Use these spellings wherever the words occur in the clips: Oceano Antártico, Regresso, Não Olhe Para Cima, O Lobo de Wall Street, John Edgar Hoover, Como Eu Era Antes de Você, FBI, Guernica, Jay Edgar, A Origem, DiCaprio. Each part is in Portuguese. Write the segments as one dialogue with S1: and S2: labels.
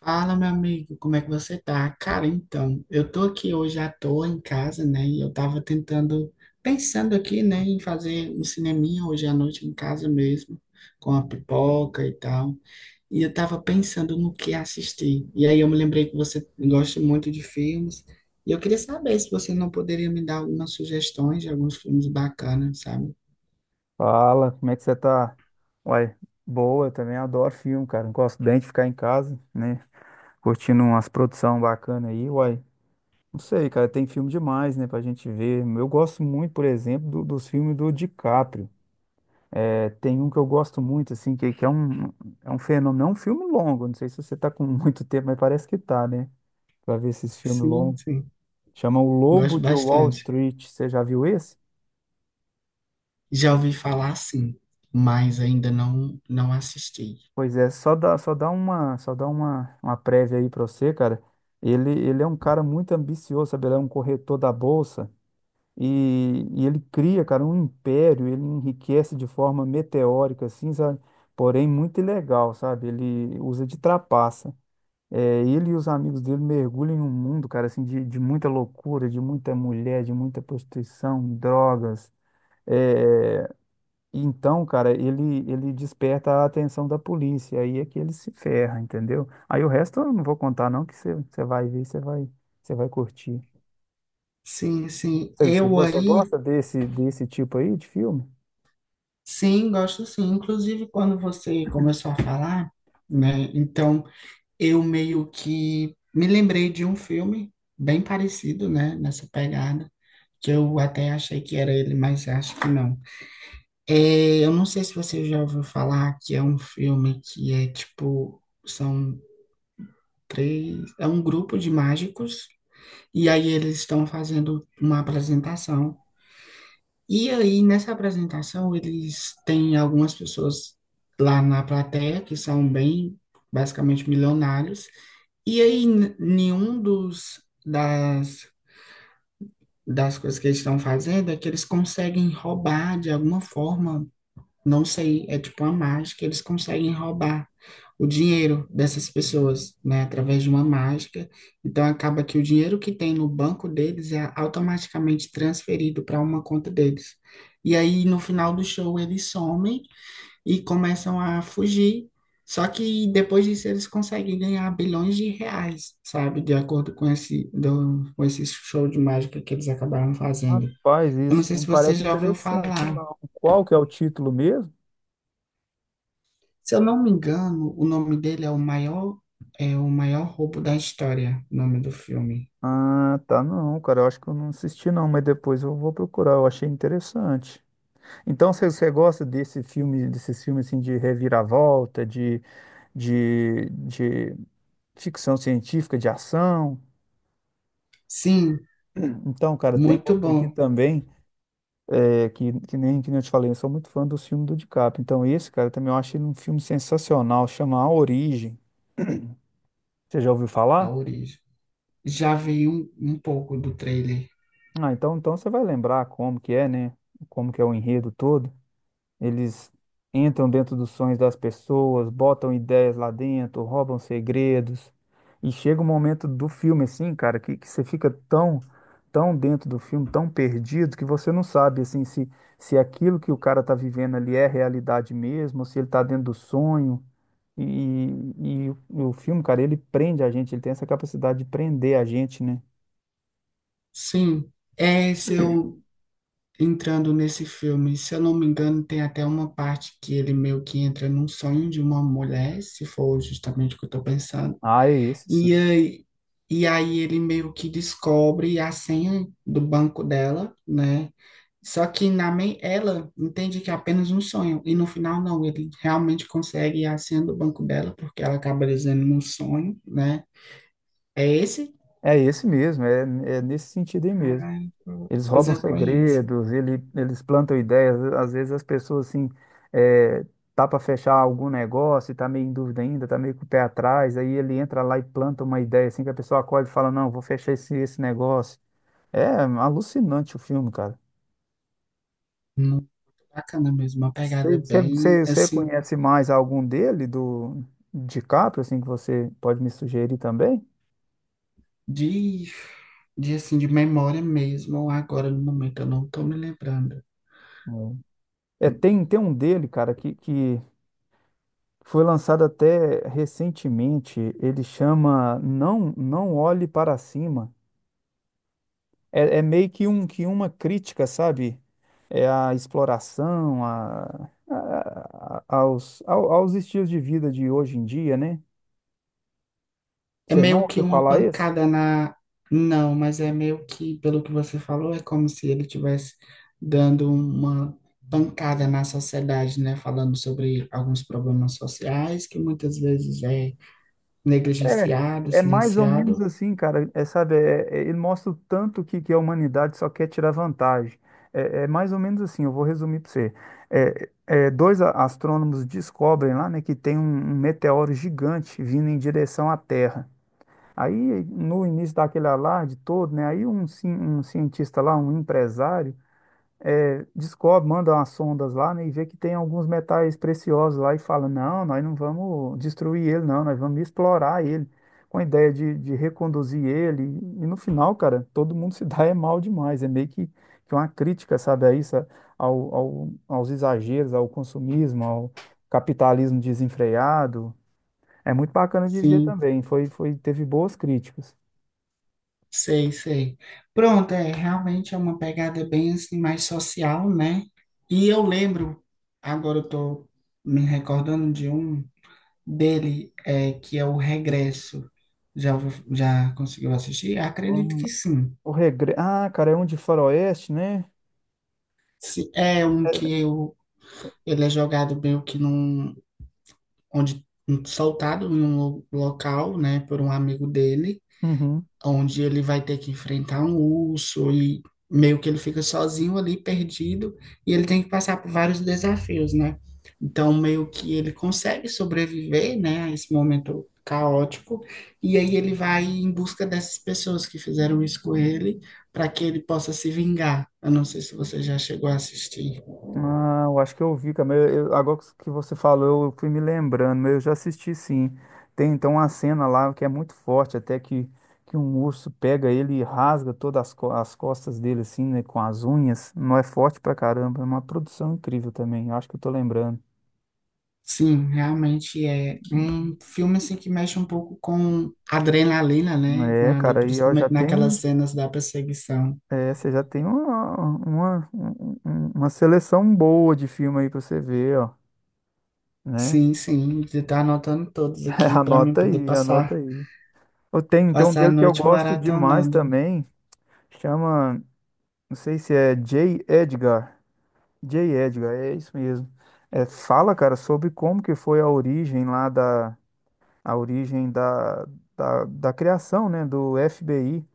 S1: Fala, meu amigo, como é que você tá? Cara, então, eu tô aqui hoje à toa em casa, né? E eu tava tentando, pensando aqui, né, em fazer um cineminha hoje à noite em casa mesmo, com a pipoca e tal. E eu tava pensando no que assistir. E aí eu me lembrei que você gosta muito de filmes. E eu queria saber se você não poderia me dar algumas sugestões de alguns filmes bacanas, sabe?
S2: Fala, como é que você tá? Uai, boa, também adoro filme, cara. Não Gosto bem de ficar em casa, né? Curtindo umas produções bacanas aí, uai. Não sei, cara, tem filme demais, né, pra gente ver. Eu gosto muito, por exemplo, dos filmes do DiCaprio. É, tem um que eu gosto muito, assim, que é um fenômeno, é um filme longo. Não sei se você tá com muito tempo, mas parece que tá, né? Pra ver esses filmes
S1: Sim,
S2: longos.
S1: sim.
S2: Chama O Lobo
S1: Gosto
S2: de Wall
S1: bastante.
S2: Street. Você já viu esse?
S1: Já ouvi falar sim, mas ainda não assisti.
S2: Pois é, uma prévia aí pra você, cara. Ele é um cara muito ambicioso, sabe? Ele é um corretor da bolsa e ele cria, cara, um império. Ele enriquece de forma meteórica, assim, sabe? Porém, muito ilegal, sabe? Ele usa de trapaça. É, ele e os amigos dele mergulham em um mundo, cara, assim, de muita loucura, de muita mulher, de muita prostituição, drogas. É, então, cara, ele desperta a atenção da polícia, aí é que ele se ferra, entendeu? Aí o resto eu não vou contar não, que você vai ver, você vai curtir.
S1: Sim, sim.
S2: Você,
S1: Eu
S2: você
S1: aí,
S2: gosta desse, desse tipo aí de filme?
S1: sim, gosto sim. Inclusive, quando você começou a falar, né? Então, eu meio que me lembrei de um filme bem parecido, né? Nessa pegada, que eu até achei que era ele, mas acho que não. É, eu não sei se você já ouviu falar que é um filme que é tipo, são três, é um grupo de mágicos, e aí eles estão fazendo uma apresentação. E aí, nessa apresentação, eles têm algumas pessoas lá na plateia que são bem, basicamente, milionários. E aí, nenhum das coisas que eles estão fazendo é que eles conseguem roubar, de alguma forma, não sei, é tipo uma mágica, eles conseguem roubar o dinheiro dessas pessoas, né, através de uma mágica. Então acaba que o dinheiro que tem no banco deles é automaticamente transferido para uma conta deles. E aí no final do show eles somem e começam a fugir. Só que depois disso eles conseguem ganhar bilhões de reais, sabe, de acordo com esse com esse show de mágica que eles acabaram fazendo.
S2: Rapaz,
S1: Eu não
S2: isso
S1: sei
S2: não
S1: se você
S2: parece
S1: já ouviu
S2: interessante,
S1: falar.
S2: não. Qual que é o título mesmo?
S1: Se eu não me engano, o nome dele é é o maior roubo da história, o nome do filme.
S2: Ah, tá, não, cara, eu acho que eu não assisti não, mas depois eu vou procurar, eu achei interessante. Então, você, você gosta desse filme, desses filmes assim de reviravolta, de ficção científica, de ação.
S1: Sim,
S2: Então, cara, tem
S1: muito
S2: outro aqui
S1: bom
S2: também, é, que nem eu te falei, eu sou muito fã do filme do DiCaprio. Então, esse, cara, também eu acho ele um filme sensacional, chama A Origem. Você já ouviu
S1: a
S2: falar?
S1: origem. Já vi um, um pouco do trailer.
S2: Ah, então, então você vai lembrar como que é, né? Como que é o enredo todo. Eles entram dentro dos sonhos das pessoas, botam ideias lá dentro, roubam segredos. E chega um momento do filme, assim, cara, que você fica tão dentro do filme, tão perdido, que você não sabe, assim, se aquilo que o cara tá vivendo ali é realidade mesmo, ou se ele tá dentro do sonho. E o filme, cara, ele prende a gente, ele tem essa capacidade de prender a gente, né?
S1: Sim, é se eu entrando nesse filme, se eu não me engano, tem até uma parte que ele meio que entra num sonho de uma mulher, se for justamente o que eu estou pensando.
S2: Ah, é esse
S1: E
S2: sim.
S1: aí, e aí ele meio que descobre a senha do banco dela, né? Só que ela entende que é apenas um sonho, e no final não, ele realmente consegue a senha do banco dela, porque ela acaba dizendo num sonho, né? É esse?
S2: É esse mesmo, é, é nesse sentido aí mesmo.
S1: Ah,
S2: Eles
S1: pois
S2: roubam
S1: eu conheço.
S2: segredos, eles plantam ideias. Às vezes as pessoas, assim, é, tá para fechar algum negócio, e tá meio em dúvida ainda, tá meio com o pé atrás. Aí ele entra lá e planta uma ideia, assim, que a pessoa acorda e fala: não, vou fechar esse negócio. É alucinante o filme, cara.
S1: Muito bacana mesmo, uma pegada bem,
S2: Você
S1: assim,
S2: conhece mais algum dele, do DiCaprio, assim, que você pode me sugerir também?
S1: de, assim, de memória mesmo, agora no momento eu não tô me lembrando.
S2: Hum. É, tem um dele, cara, que foi lançado até recentemente, ele chama Não Não Olhe Para Cima. É, é meio que, um, que uma crítica, sabe? É a exploração, aos, aos estilos de vida de hoje em dia, né?
S1: É
S2: Você não
S1: meio que
S2: ouviu
S1: uma
S2: falar esse?
S1: pancada na. Não, mas é meio que, pelo que você falou, é como se ele tivesse dando uma pancada na sociedade, né? Falando sobre alguns problemas sociais que muitas vezes é
S2: É,
S1: negligenciado,
S2: é mais ou menos
S1: silenciado.
S2: assim, cara. É, sabe, ele mostra o tanto que a humanidade só quer tirar vantagem. É, é mais ou menos assim, eu vou resumir para você. É, é, dois astrônomos descobrem lá, né, que tem um, um meteoro gigante vindo em direção à Terra. Aí, no início daquele alarde todo, né, aí um cientista lá, um empresário, é, descobre, manda umas sondas lá, né, e vê que tem alguns metais preciosos lá e fala, não, nós não vamos destruir ele, não, nós vamos explorar ele, com a ideia de reconduzir ele. E no final, cara, todo mundo se dá é mal demais, é meio que uma crítica, sabe, a isso, aos exageros, ao consumismo, ao capitalismo desenfreado. É muito bacana de ver
S1: Sim,
S2: também, foi, teve boas críticas.
S1: sei, sei. Pronto, é realmente é uma pegada bem assim mais social, né? E eu lembro, agora eu tô me recordando de um dele, é, que é o Regresso. Já, já conseguiu assistir? Acredito
S2: Hum,
S1: que sim.
S2: O regre... Ah, cara, é um de faroeste, né?
S1: Se é um que eu, ele é jogado meio que num, onde, soltado em um local, né, por um amigo dele,
S2: Uhum.
S1: onde ele vai ter que enfrentar um urso e meio que ele fica sozinho ali, perdido, e ele tem que passar por vários desafios, né? Então, meio que ele consegue sobreviver, né, a esse momento caótico, e aí ele vai em busca dessas pessoas que fizeram isso com ele, para que ele possa se vingar. Eu não sei se você já chegou a assistir.
S2: Ah, eu acho que eu vi, cara. Agora que você falou, eu fui me lembrando, mas eu já assisti sim. Tem então uma cena lá que é muito forte, que um urso pega ele e rasga todas as, as costas dele, assim, né, com as unhas. Não é forte pra caramba, é uma produção incrível também. Eu acho que eu tô lembrando.
S1: Sim, realmente é um filme assim que mexe um pouco com adrenalina, né?
S2: É,
S1: Ali,
S2: cara, aí ó, já
S1: principalmente naquelas
S2: tem.
S1: cenas da perseguição.
S2: É, você já tem uma seleção boa de filme aí pra você ver, ó, né?
S1: Sim, sim, você tá anotando todos aqui para mim
S2: Anota
S1: poder
S2: aí, anota
S1: passar,
S2: aí. Eu tenho então um
S1: passar a
S2: dele que eu
S1: noite
S2: gosto demais
S1: maratonando.
S2: também. Chama, não sei se é J. Edgar. J. Edgar, é isso mesmo. É, fala, cara, sobre como que foi a origem lá da, a origem da, da criação, né, do FBI.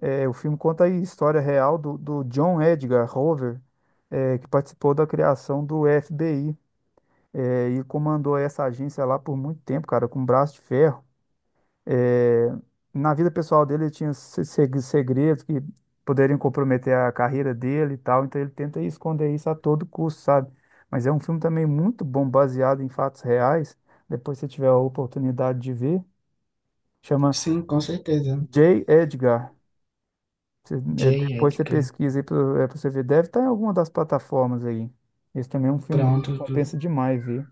S2: É, o filme conta a história real do, do John Edgar Hoover, é, que participou da criação do FBI, é, e comandou essa agência lá por muito tempo, cara, com braço de ferro. É, na vida pessoal dele, ele tinha segredos que poderiam comprometer a carreira dele e tal, então ele tenta esconder isso a todo custo, sabe? Mas é um filme também muito bom, baseado em fatos reais. Depois, se tiver a oportunidade de ver, chama
S1: Sim, com certeza.
S2: J. Edgar. É,
S1: Jay,
S2: depois você
S1: Edgar,
S2: pesquisa aí pra, é, pra você ver. Deve estar em alguma das plataformas aí. Esse também é um filme dele que
S1: pronto.
S2: compensa demais ver.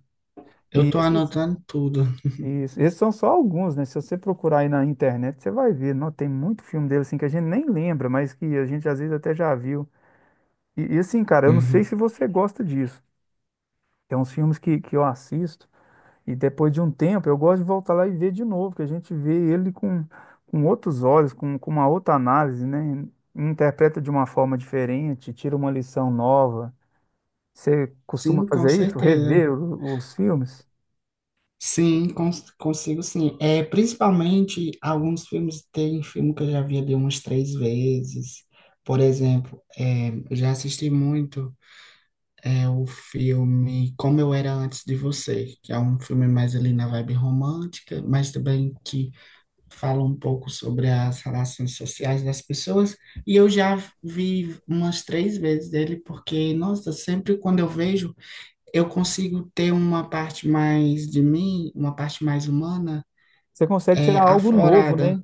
S1: Eu
S2: E
S1: tô
S2: esses.
S1: anotando tudo.
S2: Isso. Esses são só alguns, né? Se você procurar aí na internet, você vai ver. Não, tem muito filme dele assim que a gente nem lembra, mas que a gente às vezes até já viu. E, assim, cara, eu não sei
S1: Uhum.
S2: se você gosta disso. Tem uns filmes que eu assisto e depois de um tempo eu gosto de voltar lá e ver de novo, que a gente vê ele com outros olhos, com uma outra análise, né? Interpreta de uma forma diferente, tira uma lição nova. Você costuma
S1: Sim, com
S2: fazer isso?
S1: certeza.
S2: Rever os filmes?
S1: Sim, consigo sim. É, principalmente alguns filmes, tem filme que eu já vi ali umas três vezes. Por exemplo, é, eu já assisti muito. É o filme Como Eu Era Antes de Você, que é um filme mais ali na vibe romântica, mas também que fala um pouco sobre as relações sociais das pessoas. E eu já vi umas três vezes ele, porque, nossa, sempre quando eu vejo, eu consigo ter uma parte mais de mim, uma parte mais humana,
S2: Você consegue
S1: é,
S2: tirar algo novo,
S1: aflorada.
S2: né?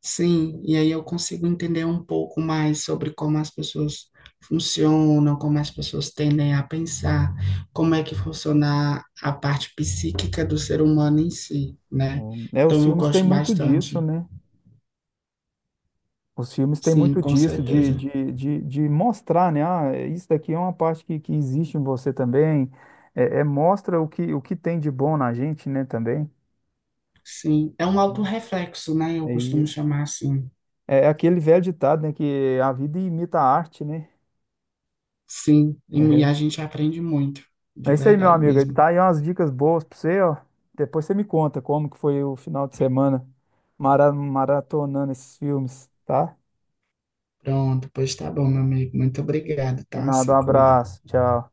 S1: Sim, e aí eu consigo entender um pouco mais sobre como as pessoas funcionam, como as pessoas tendem a pensar, como é que funciona a parte psíquica do ser humano em si, né?
S2: É, os
S1: Então eu
S2: filmes têm
S1: gosto
S2: muito disso,
S1: bastante.
S2: né? Os filmes têm
S1: Sim,
S2: muito
S1: com
S2: disso,
S1: certeza.
S2: de mostrar, né? Ah, é, isso daqui é uma parte que existe em você também. É, é, mostra o que tem de bom na gente, né, também.
S1: Sim, é um autorreflexo, né? Eu
S2: É
S1: costumo
S2: isso.
S1: chamar assim.
S2: É é aquele velho ditado, né? Que a vida imita a arte, né?
S1: Sim, e a
S2: Uhum.
S1: gente aprende muito,
S2: É
S1: de
S2: isso aí, meu
S1: verdade
S2: amigo.
S1: mesmo.
S2: Tá aí umas dicas boas pra você, ó. Depois você me conta como que foi o final de semana maratonando esses filmes, tá?
S1: Pronto, pois tá bom, meu amigo. Muito obrigado,
S2: De
S1: tá?
S2: nada, um
S1: Se cuida.
S2: abraço. Tchau.